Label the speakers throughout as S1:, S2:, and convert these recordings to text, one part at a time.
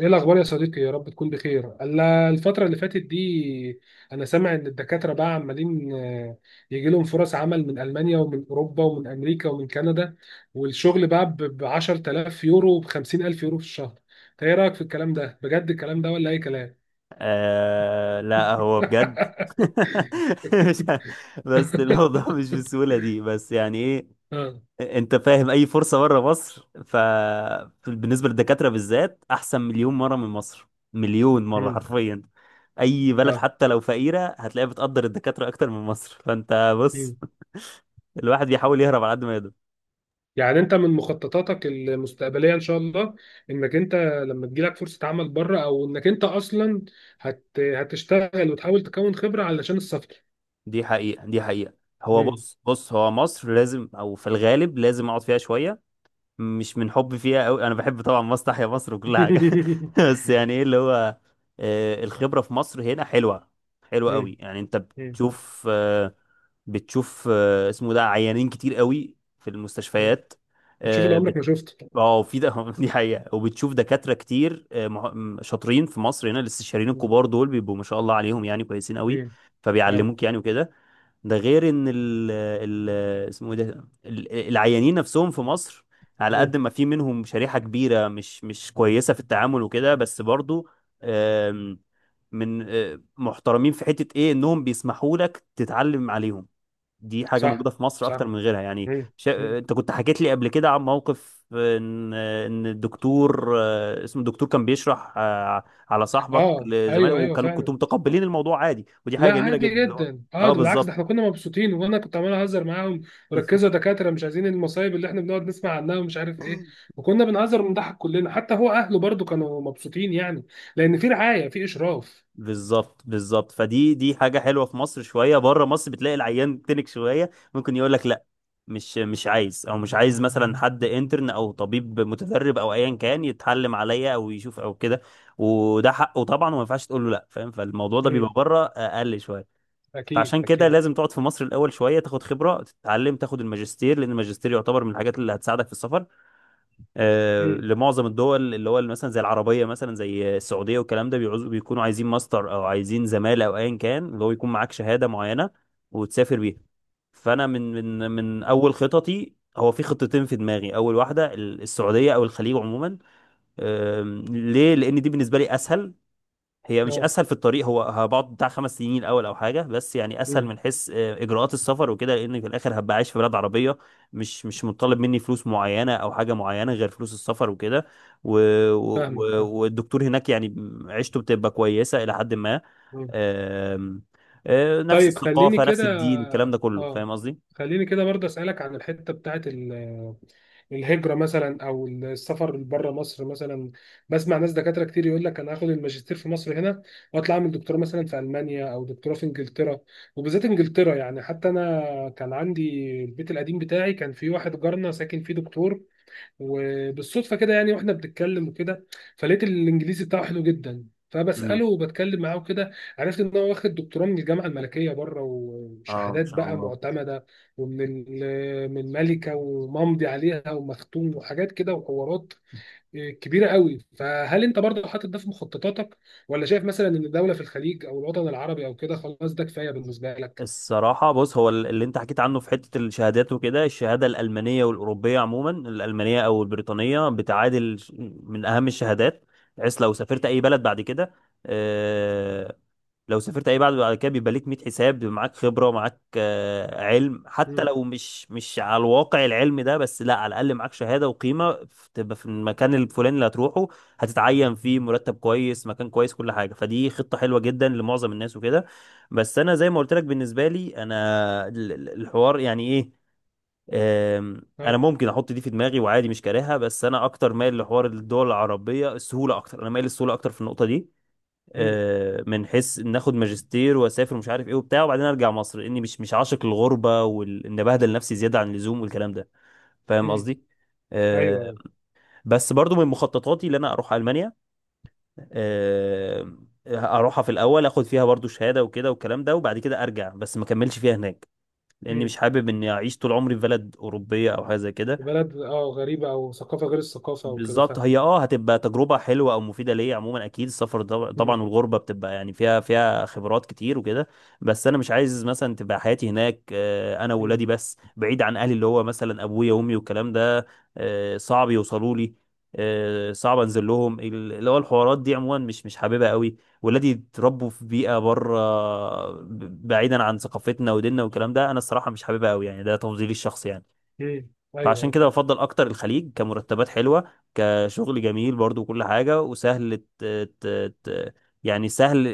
S1: ايه الاخبار يا صديقي؟ يا رب تكون بخير الا الفتره اللي فاتت دي. انا سامع ان الدكاتره بقى عمالين يجي لهم فرص عمل من المانيا ومن اوروبا ومن امريكا ومن كندا، والشغل بقى ب 10000 يورو، ب 50000 يورو في الشهر. انت ايه رايك في الكلام ده؟ بجد الكلام ده ولا اي كلام؟
S2: آه، لا، هو بجد. مش ه- بس الموضوع مش بالسهولة دي، بس يعني ايه؟
S1: اه.
S2: انت فاهم؟ اي فرصة بره مصر، ف بالنسبة للدكاترة بالذات احسن مليون مرة من مصر، مليون مرة
S1: مم.
S2: حرفيا. اي بلد
S1: اه،
S2: حتى لو فقيرة، هتلاقيها بتقدر الدكاترة اكتر من مصر، فانت بص، الواحد بيحاول يهرب على قد ما يقدر.
S1: يعني انت من مخططاتك المستقبليه ان شاء الله، انك انت لما تجيلك فرصه عمل بره، او انك انت اصلا هتشتغل وتحاول تكون خبره علشان السفر.
S2: دي حقيقة، دي حقيقة. هو
S1: مم.
S2: بص بص، هو مصر لازم، او في الغالب لازم اقعد فيها شوية. مش من حبي فيها قوي، انا بحب طبعا مصر، تحيا مصر وكل حاجه. بس يعني ايه اللي هو، الخبره في مصر هنا حلوه، حلوه قوي.
S1: مم.
S2: يعني انت
S1: مم.
S2: بتشوف آه، بتشوف اسمه ده عيانين كتير قوي في
S1: مم.
S2: المستشفيات.
S1: بتشوف اللي
S2: اه.
S1: عمرك ما شفته.
S2: في ده. دي حقيقه، وبتشوف دكاتره كتير شاطرين في مصر هنا. الاستشاريين
S1: مم.
S2: الكبار دول بيبقوا ما شاء الله عليهم، يعني كويسين قوي،
S1: مم. اه.
S2: فبيعلموك يعني وكده. ده غير ان ال ال اسمه إيه ده، العيانين نفسهم في مصر على
S1: مم.
S2: قد ما في منهم شريحة كبيرة مش كويسة في التعامل وكده، بس برضو آم، من آه، محترمين في حتة ايه، انهم بيسمحوا لك تتعلم عليهم. دي حاجة موجودة
S1: صح.
S2: في مصر اكتر
S1: صح.
S2: من غيرها، يعني
S1: مم. مم.
S2: انت كنت حكيت لي قبل كده عن موقف، ان الدكتور، اسمه الدكتور كان بيشرح على صاحبك
S1: اه،
S2: لزمايله،
S1: ايوه ايوه
S2: وكانوا
S1: فعلا.
S2: كنتوا متقبلين الموضوع عادي، ودي حاجة
S1: لا
S2: جميلة
S1: عادي
S2: جدا اللي هو،
S1: جدا، اه،
S2: اه
S1: ده بالعكس، ده
S2: بالظبط.
S1: احنا كنا مبسوطين وانا كنت عمال اهزر معاهم، وركزوا يا دكاتره مش عايزين المصايب اللي احنا بنقعد نسمع عنها ومش عارف ايه. وكنا بنهزر ونضحك كلنا، حتى هو اهله برضو كانوا مبسوطين يعني، لان في رعايه، في اشراف.
S2: بالظبط، بالظبط، فدي حاجة حلوة في مصر. شوية بره مصر بتلاقي العيان تنك شوية، ممكن يقول لك لا، مش عايز، او مش عايز مثلا حد انترن او طبيب متدرب او ايا كان يتعلم عليا او يشوف او كده، وده حقه طبعا، وما ينفعش تقول له لا، فاهم. فالموضوع ده بيبقى
S1: امم.
S2: بره اقل شوية.
S1: اكيد
S2: فعشان كده
S1: اكيد.
S2: لازم تقعد في مصر الاول شوية، تاخد خبرة، تتعلم، تاخد الماجستير، لان الماجستير يعتبر من الحاجات اللي هتساعدك في السفر،
S1: امم.
S2: لمعظم الدول، اللي هو مثلا زي العربيه، مثلا زي السعوديه والكلام ده، بيعوزوا، بيكونوا عايزين ماستر او عايزين زماله او ايا كان، اللي هو يكون معاك شهاده معينه وتسافر بيها. فانا من
S1: أمم.
S2: اول خططي، هو في خطتين في دماغي. اول واحده، السعوديه او الخليج عموما. ليه؟ لان دي بالنسبه لي اسهل. هي مش
S1: اه.
S2: اسهل في الطريق، هو هبقعد بتاع 5 سنين الاول او حاجه، بس يعني اسهل
S1: امم.
S2: من حيث اجراءات السفر وكده، لان في الاخر هبقى عايش في بلد عربيه، مش مطالب مني فلوس معينه او حاجه معينه غير فلوس السفر وكده. و...
S1: فاهمك، فاهم.
S2: والدكتور هناك يعني عيشته بتبقى كويسه الى حد ما.
S1: أمم.
S2: آم، نفس
S1: طيب خليني
S2: الثقافه نفس
S1: كده.
S2: الدين، الكلام ده كله،
S1: اه،
S2: فاهم قصدي؟
S1: خليني كده برضه اسالك عن الحته بتاعت الهجرة مثلا، أو السفر بره مصر مثلا. بسمع ناس دكاترة كتير يقول لك أنا هاخد الماجستير في مصر هنا، وأطلع أعمل دكتوراه مثلا في ألمانيا، أو دكتوراه في إنجلترا. وبالذات إنجلترا يعني، حتى أنا كان عندي البيت القديم بتاعي، كان في واحد جارنا ساكن فيه دكتور، وبالصدفه كده يعني، واحنا بنتكلم وكده، فلقيت الانجليزي بتاعه حلو جدا،
S2: امم.
S1: فبساله وبتكلم معاه وكده. عرفت ان هو واخد دكتوراه من الجامعه الملكيه بره،
S2: اه، ان
S1: وشهادات
S2: شاء
S1: بقى
S2: الله.
S1: معتمده، من ملكه، وممضي عليها ومختوم وحاجات كده وحوارات كبيره قوي. فهل انت برضه حاطط ده في مخططاتك؟ ولا شايف مثلا ان دوله في الخليج او الوطن العربي او كده خلاص ده كفايه بالنسبه لك؟
S2: الصراحة بص، هو اللي انت حكيت عنه في حتة الشهادات وكده، الشهادة الألمانية والأوروبية عموما، الألمانية أو البريطانية بتعادل، من أهم الشهادات، بحيث لو سافرت أي بلد بعد كده، لو سافرت اي بعد كده، بيبقى ليك 100 حساب، بيبقى معاك خبره، معاك علم، حتى
S1: مم.
S2: لو مش على الواقع العلم ده، بس لا، على الاقل معاك شهاده وقيمه، تبقى في المكان الفلاني اللي هتروحه، هتتعين فيه، مرتب كويس، مكان كويس، كل حاجه، فدي خطه حلوه جدا لمعظم الناس وكده. بس انا زي ما قلت لك، بالنسبه لي انا، الحوار يعني ايه. انا
S1: اه.
S2: ممكن احط دي في دماغي وعادي، مش كارهها، بس انا اكتر مايل لحوار الدول العربيه، السهوله اكتر، انا مايل للسهوله اكتر في النقطه دي.
S1: مم.
S2: من حيث إن اخد ماجستير واسافر ومش عارف ايه وبتاع، وبعدين ارجع مصر، لاني مش عاشق الغربه، وان بهدل نفسي زياده عن اللزوم والكلام ده، فاهم
S1: مم.
S2: قصدي؟ آه،
S1: ايوه
S2: بس برضو من مخططاتي ان انا اروح المانيا، آه، اروحها في الاول، اخد فيها برضو شهاده وكده والكلام ده، وبعد كده ارجع، بس ما كملش فيها هناك، لاني
S1: ايوه،
S2: مش حابب اني اعيش طول عمري في بلد اوروبيه او حاجه زي كده.
S1: بلد اه غريبة أو ثقافة غير الثقافة وكده،
S2: بالظبط،
S1: فاهم.
S2: هي اه هتبقى تجربة حلوة او مفيدة ليا عموما، اكيد السفر،
S1: مم.
S2: طبعا، والغربة بتبقى يعني فيها خبرات كتير وكده. بس انا مش عايز مثلا تبقى حياتي هناك، انا
S1: مم.
S2: وولادي بس، بعيد عن اهلي، اللي هو مثلا ابويا وامي والكلام ده. صعب يوصلوا لي، صعب انزل لهم، اللي هو الحوارات دي عموما، مش حاببها قوي. ولادي اتربوا في بيئة بره، بعيدا عن ثقافتنا وديننا والكلام ده، انا الصراحة مش حاببها قوي، يعني ده تفضيلي الشخصي يعني.
S1: مم.
S2: فعشان
S1: أيوه.
S2: كده بفضل اكتر الخليج، كمرتبات حلوه، كشغل جميل برضو وكل حاجه، وسهل ت... ت... يعني سهل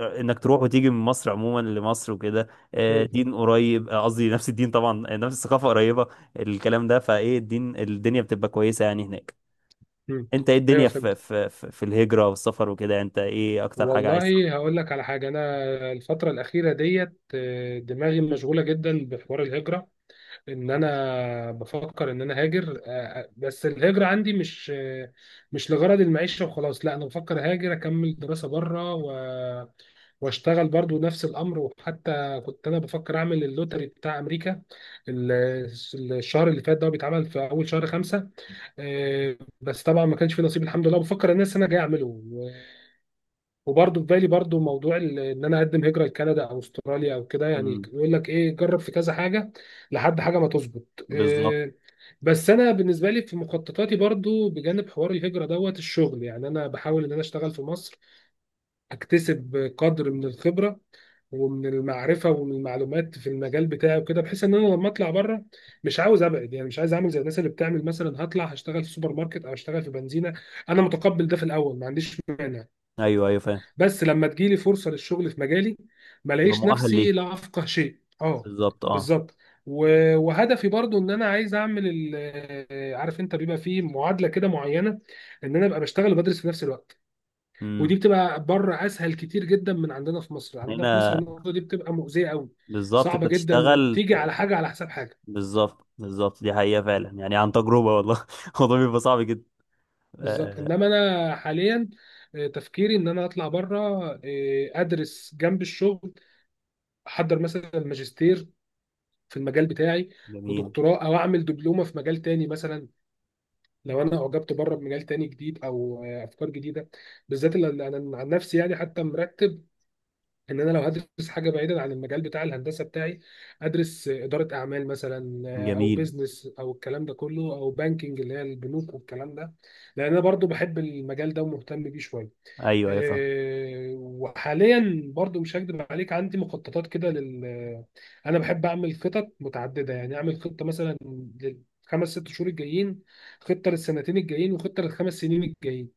S2: انك تروح وتيجي من مصر عموما لمصر وكده.
S1: مم.
S2: دين قريب، قصدي نفس الدين طبعا، نفس الثقافه قريبه، الكلام ده، فايه الدين، الدنيا بتبقى كويسه يعني هناك.
S1: مم.
S2: انت ايه
S1: أيوه
S2: الدنيا في
S1: فهمت.
S2: في في في الهجره والسفر وكده؟ انت ايه اكتر حاجه عايز؟
S1: والله هقول لك على حاجة. أنا الفترة الأخيرة ديت دماغي مشغولة جدا بحوار الهجرة، إن أنا بفكر إن أنا هاجر. بس الهجرة عندي مش لغرض المعيشة وخلاص، لا، أنا بفكر هاجر أكمل دراسة بره، واشتغل برضو نفس الامر. وحتى كنت انا بفكر اعمل اللوتري بتاع امريكا، ال- الشهر اللي فات ده هو بيتعمل في اول شهر خمسة. بس طبعا ما كانش في نصيب، الحمد لله، بفكر ان انا جاي اعمله. وبرضو في بالي برضو موضوع ان انا اقدم هجرة لكندا او استراليا او كده، يعني
S2: امم.
S1: يقول لك ايه، جرب في كذا حاجة لحد حاجة ما تظبط
S2: بالظبط.
S1: بس انا بالنسبة لي في مخططاتي، برضو بجانب حوار الهجرة دوت الشغل. يعني انا بحاول ان انا اشتغل في مصر، اكتسب قدر من الخبره ومن المعرفه ومن المعلومات في المجال بتاعي وكده، بحيث ان انا لما اطلع بره مش عاوز ابعد. يعني مش عايز اعمل زي الناس اللي بتعمل مثلا هطلع هشتغل في سوبر ماركت او هشتغل في بنزينه. انا متقبل ده في الاول، ما عنديش مانع،
S2: ايوه ايوه فاهم.
S1: بس لما تجيلي فرصه للشغل في مجالي ما
S2: تبقى
S1: الاقيش
S2: مؤهل
S1: نفسي
S2: ليه.
S1: لا افقه شيء. اه
S2: بالظبط، اه.
S1: بالظبط. وهدفي برضو ان انا عايز اعمل عارف انت بيبقى فيه معادله كده معينه، ان انا ابقى بشتغل وبدرس في نفس الوقت. ودي
S2: امم.
S1: بتبقى بره اسهل كتير جدا من عندنا في مصر، عندنا في مصر
S2: هنا.
S1: النقطه دي بتبقى مؤذيه قوي،
S2: بالظبط انت
S1: صعبه جدا،
S2: تشتغل.
S1: وبتيجي على حاجه على حساب حاجه.
S2: بالظبط، بالظبط، دي حقيقة فعلا، يعني عن تجربة، والله. الموضوع بيبقى صعب جدا.
S1: بالظبط.
S2: آه.
S1: انما انا حاليا تفكيري ان انا اطلع بره، آه، ادرس جنب الشغل، احضر مثلا ماجستير في المجال بتاعي،
S2: جميل.
S1: ودكتوراه، او اعمل دبلومه في مجال تاني مثلا لو انا اعجبت بره بمجال تاني جديد، او افكار جديد جديده، بالذات اللي انا عن نفسي يعني. حتى مرتب ان انا لو هدرس حاجه بعيدا عن المجال بتاع الهندسه بتاعي، ادرس اداره اعمال مثلا، او
S2: جميل.
S1: بيزنس او الكلام ده كله، او بانكينج اللي هي البنوك والكلام ده، لان انا برضو بحب المجال ده ومهتم بيه شويه.
S2: أيوه أيوه فاهم.
S1: وحاليا برضو مش هكدب عليك، عندي مخططات كده لل آه، انا بحب اعمل خطط متعدده، يعني اعمل خطه مثلا للخمس ست شهور الجايين، خطه للسنتين الجايين، وخطه للخمس سنين الجايين.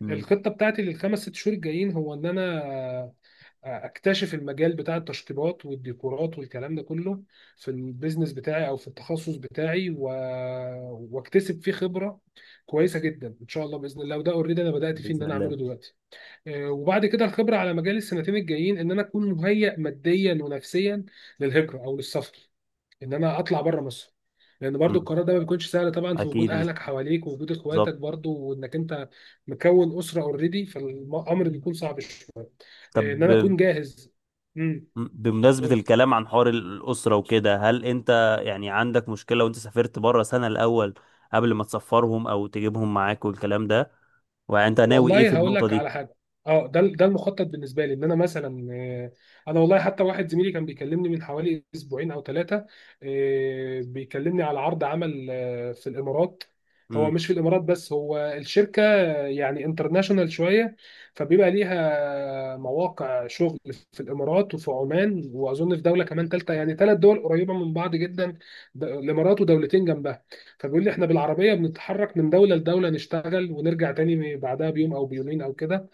S2: مم.
S1: الخطه بتاعتي للخمس ست شهور الجايين هو ان انا اكتشف المجال بتاع التشطيبات والديكورات والكلام ده كله في البيزنس بتاعي او في التخصص بتاعي واكتسب فيه خبره كويسه جدا ان شاء الله باذن الله. وده اوريدي انا بدات فيه ان
S2: بإذن
S1: انا
S2: الله.
S1: اعمله دلوقتي. وبعد كده الخبره على مجال السنتين الجايين، ان انا اكون مهيئ ماديا ونفسيا للهجره او للسفر، ان انا اطلع بره مصر، لان برضو
S2: مم،
S1: القرار ده ما بيكونش سهل طبعا في وجود
S2: أكيد مش.
S1: اهلك حواليك، ووجود اخواتك
S2: بالظبط.
S1: برضو، وانك انت مكون اسره اوريدي، فالامر بيكون صعب. ان انا
S2: طب.
S1: اكون جاهز. امم.
S2: بمناسبة الكلام عن حوار الأسرة وكده، هل أنت يعني عندك مشكلة وأنت سافرت بره سنة الأول، قبل ما تسفرهم أو تجيبهم معاك والكلام ده، وأنت ناوي إيه في
S1: والله هقول
S2: النقطة
S1: لك
S2: دي؟
S1: على حاجه. اه، ده ده المخطط بالنسبه لي، ان انا مثلا انا والله حتى واحد زميلي كان بيكلمني من حوالي اسبوعين او ثلاثه، بيكلمني على عرض عمل في الامارات. هو
S2: مم.
S1: مش في الامارات بس، هو الشركه يعني انترناشونال شويه، فبيبقى ليها مواقع شغل في الامارات وفي عمان واظن في دوله كمان ثالثه، يعني ثلاث دول قريبه من بعض جدا، الامارات ودولتين جنبها. فبيقول لي احنا بالعربيه بنتحرك من دوله لدوله، نشتغل ونرجع تاني بعدها بيوم او بيومين او كده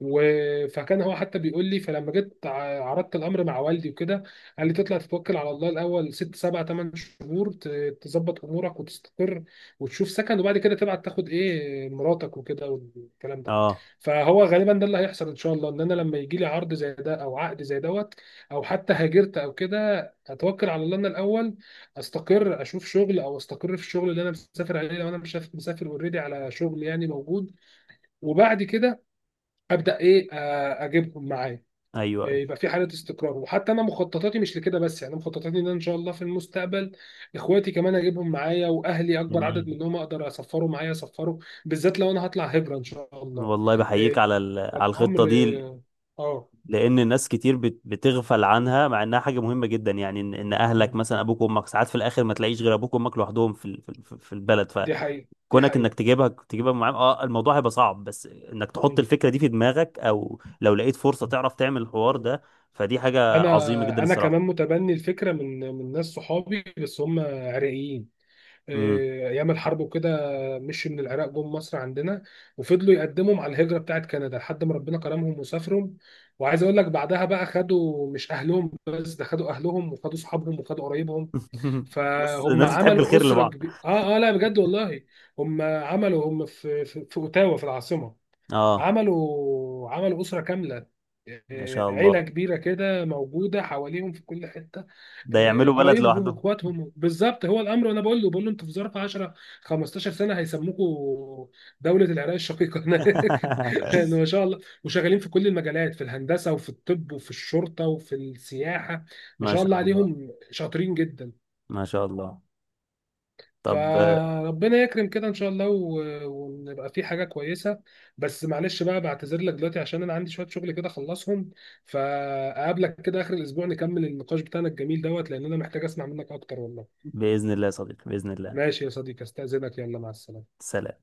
S1: و... فكان هو حتى بيقول لي. فلما جيت عرضت الامر مع والدي وكده، قال لي تطلع تتوكل على الله الاول ست سبع ثمان شهور، تظبط امورك وتستقر وتشوف سكن، وبعد كده تبعت تاخد ايه مراتك وكده والكلام ده.
S2: أه.
S1: فهو غالبا ده اللي هيحصل ان شاء الله، ان انا لما يجي لي عرض زي ده او عقد زي دوت، او حتى هاجرت او كده، اتوكل على الله انا الاول، استقر اشوف شغل، او استقر في الشغل اللي انا مسافر عليه لو انا مش مسافر اوريدي على شغل يعني موجود. وبعد كده ابدا ايه اجيبهم معايا.
S2: أيوه، أيوه.
S1: يبقى في حاله استقرار. وحتى انا مخططاتي مش لكده بس، يعني مخططاتي ان أنا ان شاء الله في المستقبل اخواتي كمان اجيبهم معايا، واهلي اكبر عدد
S2: جميل.
S1: منهم اقدر اسفره معايا اسفره، بالذات لو انا هطلع هجره ان شاء الله.
S2: والله بحييك
S1: إيه،
S2: على على الخطة
S1: الامر،
S2: دي،
S1: اه، آه،
S2: لان الناس كتير بتغفل عنها مع انها حاجه مهمه جدا، يعني إن اهلك
S1: مم،
S2: مثلا ابوك وامك ساعات في الاخر ما تلاقيش غير ابوك وامك لوحدهم في البلد.
S1: دي حقيقه دي
S2: فكونك
S1: حقيقه.
S2: انك تجيبها معاهم، اه الموضوع هيبقى صعب، بس انك تحط
S1: مم،
S2: الفكره دي في دماغك، او لو لقيت فرصه تعرف تعمل الحوار
S1: مم.
S2: ده، فدي حاجه عظيمه جدا
S1: انا انا كمان
S2: الصراحه.
S1: متبني الفكره من ناس صحابي، بس هم عراقيين.
S2: امم
S1: ايام الحرب وكده مشي من العراق جم مصر عندنا، وفضلوا يقدموا مع الهجره بتاعت كندا لحد ما ربنا كرمهم وسافرهم. وعايز اقول لك بعدها بقى خدوا مش اهلهم بس، ده خدوا اهلهم وخدوا صحابهم وخدوا قرايبهم،
S2: بس
S1: فهم
S2: الناس بتحب
S1: عملوا
S2: الخير
S1: اسره
S2: لبعض.
S1: كبيره. اه اه، لا بجد والله، هم عملوا، هم في اوتاوا في العاصمه،
S2: اه،
S1: عملوا عملوا أسرة كاملة.
S2: ما شاء
S1: عيلة
S2: الله.
S1: كبيرة كده موجودة حواليهم في كل حتة،
S2: ده يعملوا بلد
S1: قرايبهم
S2: لوحدهم.
S1: واخواتهم، بالظبط هو الأمر. وأنا بقول له بقول له أنتوا في ظرف 10 15 سنة هيسموكوا دولة العراق الشقيقة هناك يعني، ما شاء الله، وشغالين في كل المجالات، في الهندسة وفي الطب وفي الشرطة وفي السياحة، ما
S2: ما
S1: شاء
S2: شاء
S1: الله
S2: الله.
S1: عليهم شاطرين جدا.
S2: ما شاء الله. طب،
S1: فربنا يكرم كده ان شاء الله ونبقى في حاجه كويسه. بس معلش بقى، بعتذر لك دلوقتي عشان انا عندي شويه شغل كده اخلصهم، فاقابلك كده اخر الاسبوع نكمل النقاش بتاعنا الجميل دوت، لان انا محتاج اسمع منك اكتر والله.
S2: بإذن الله يا صديقي، بإذن الله.
S1: ماشي يا صديقي، استاذنك، يلا مع السلامه.
S2: سلام.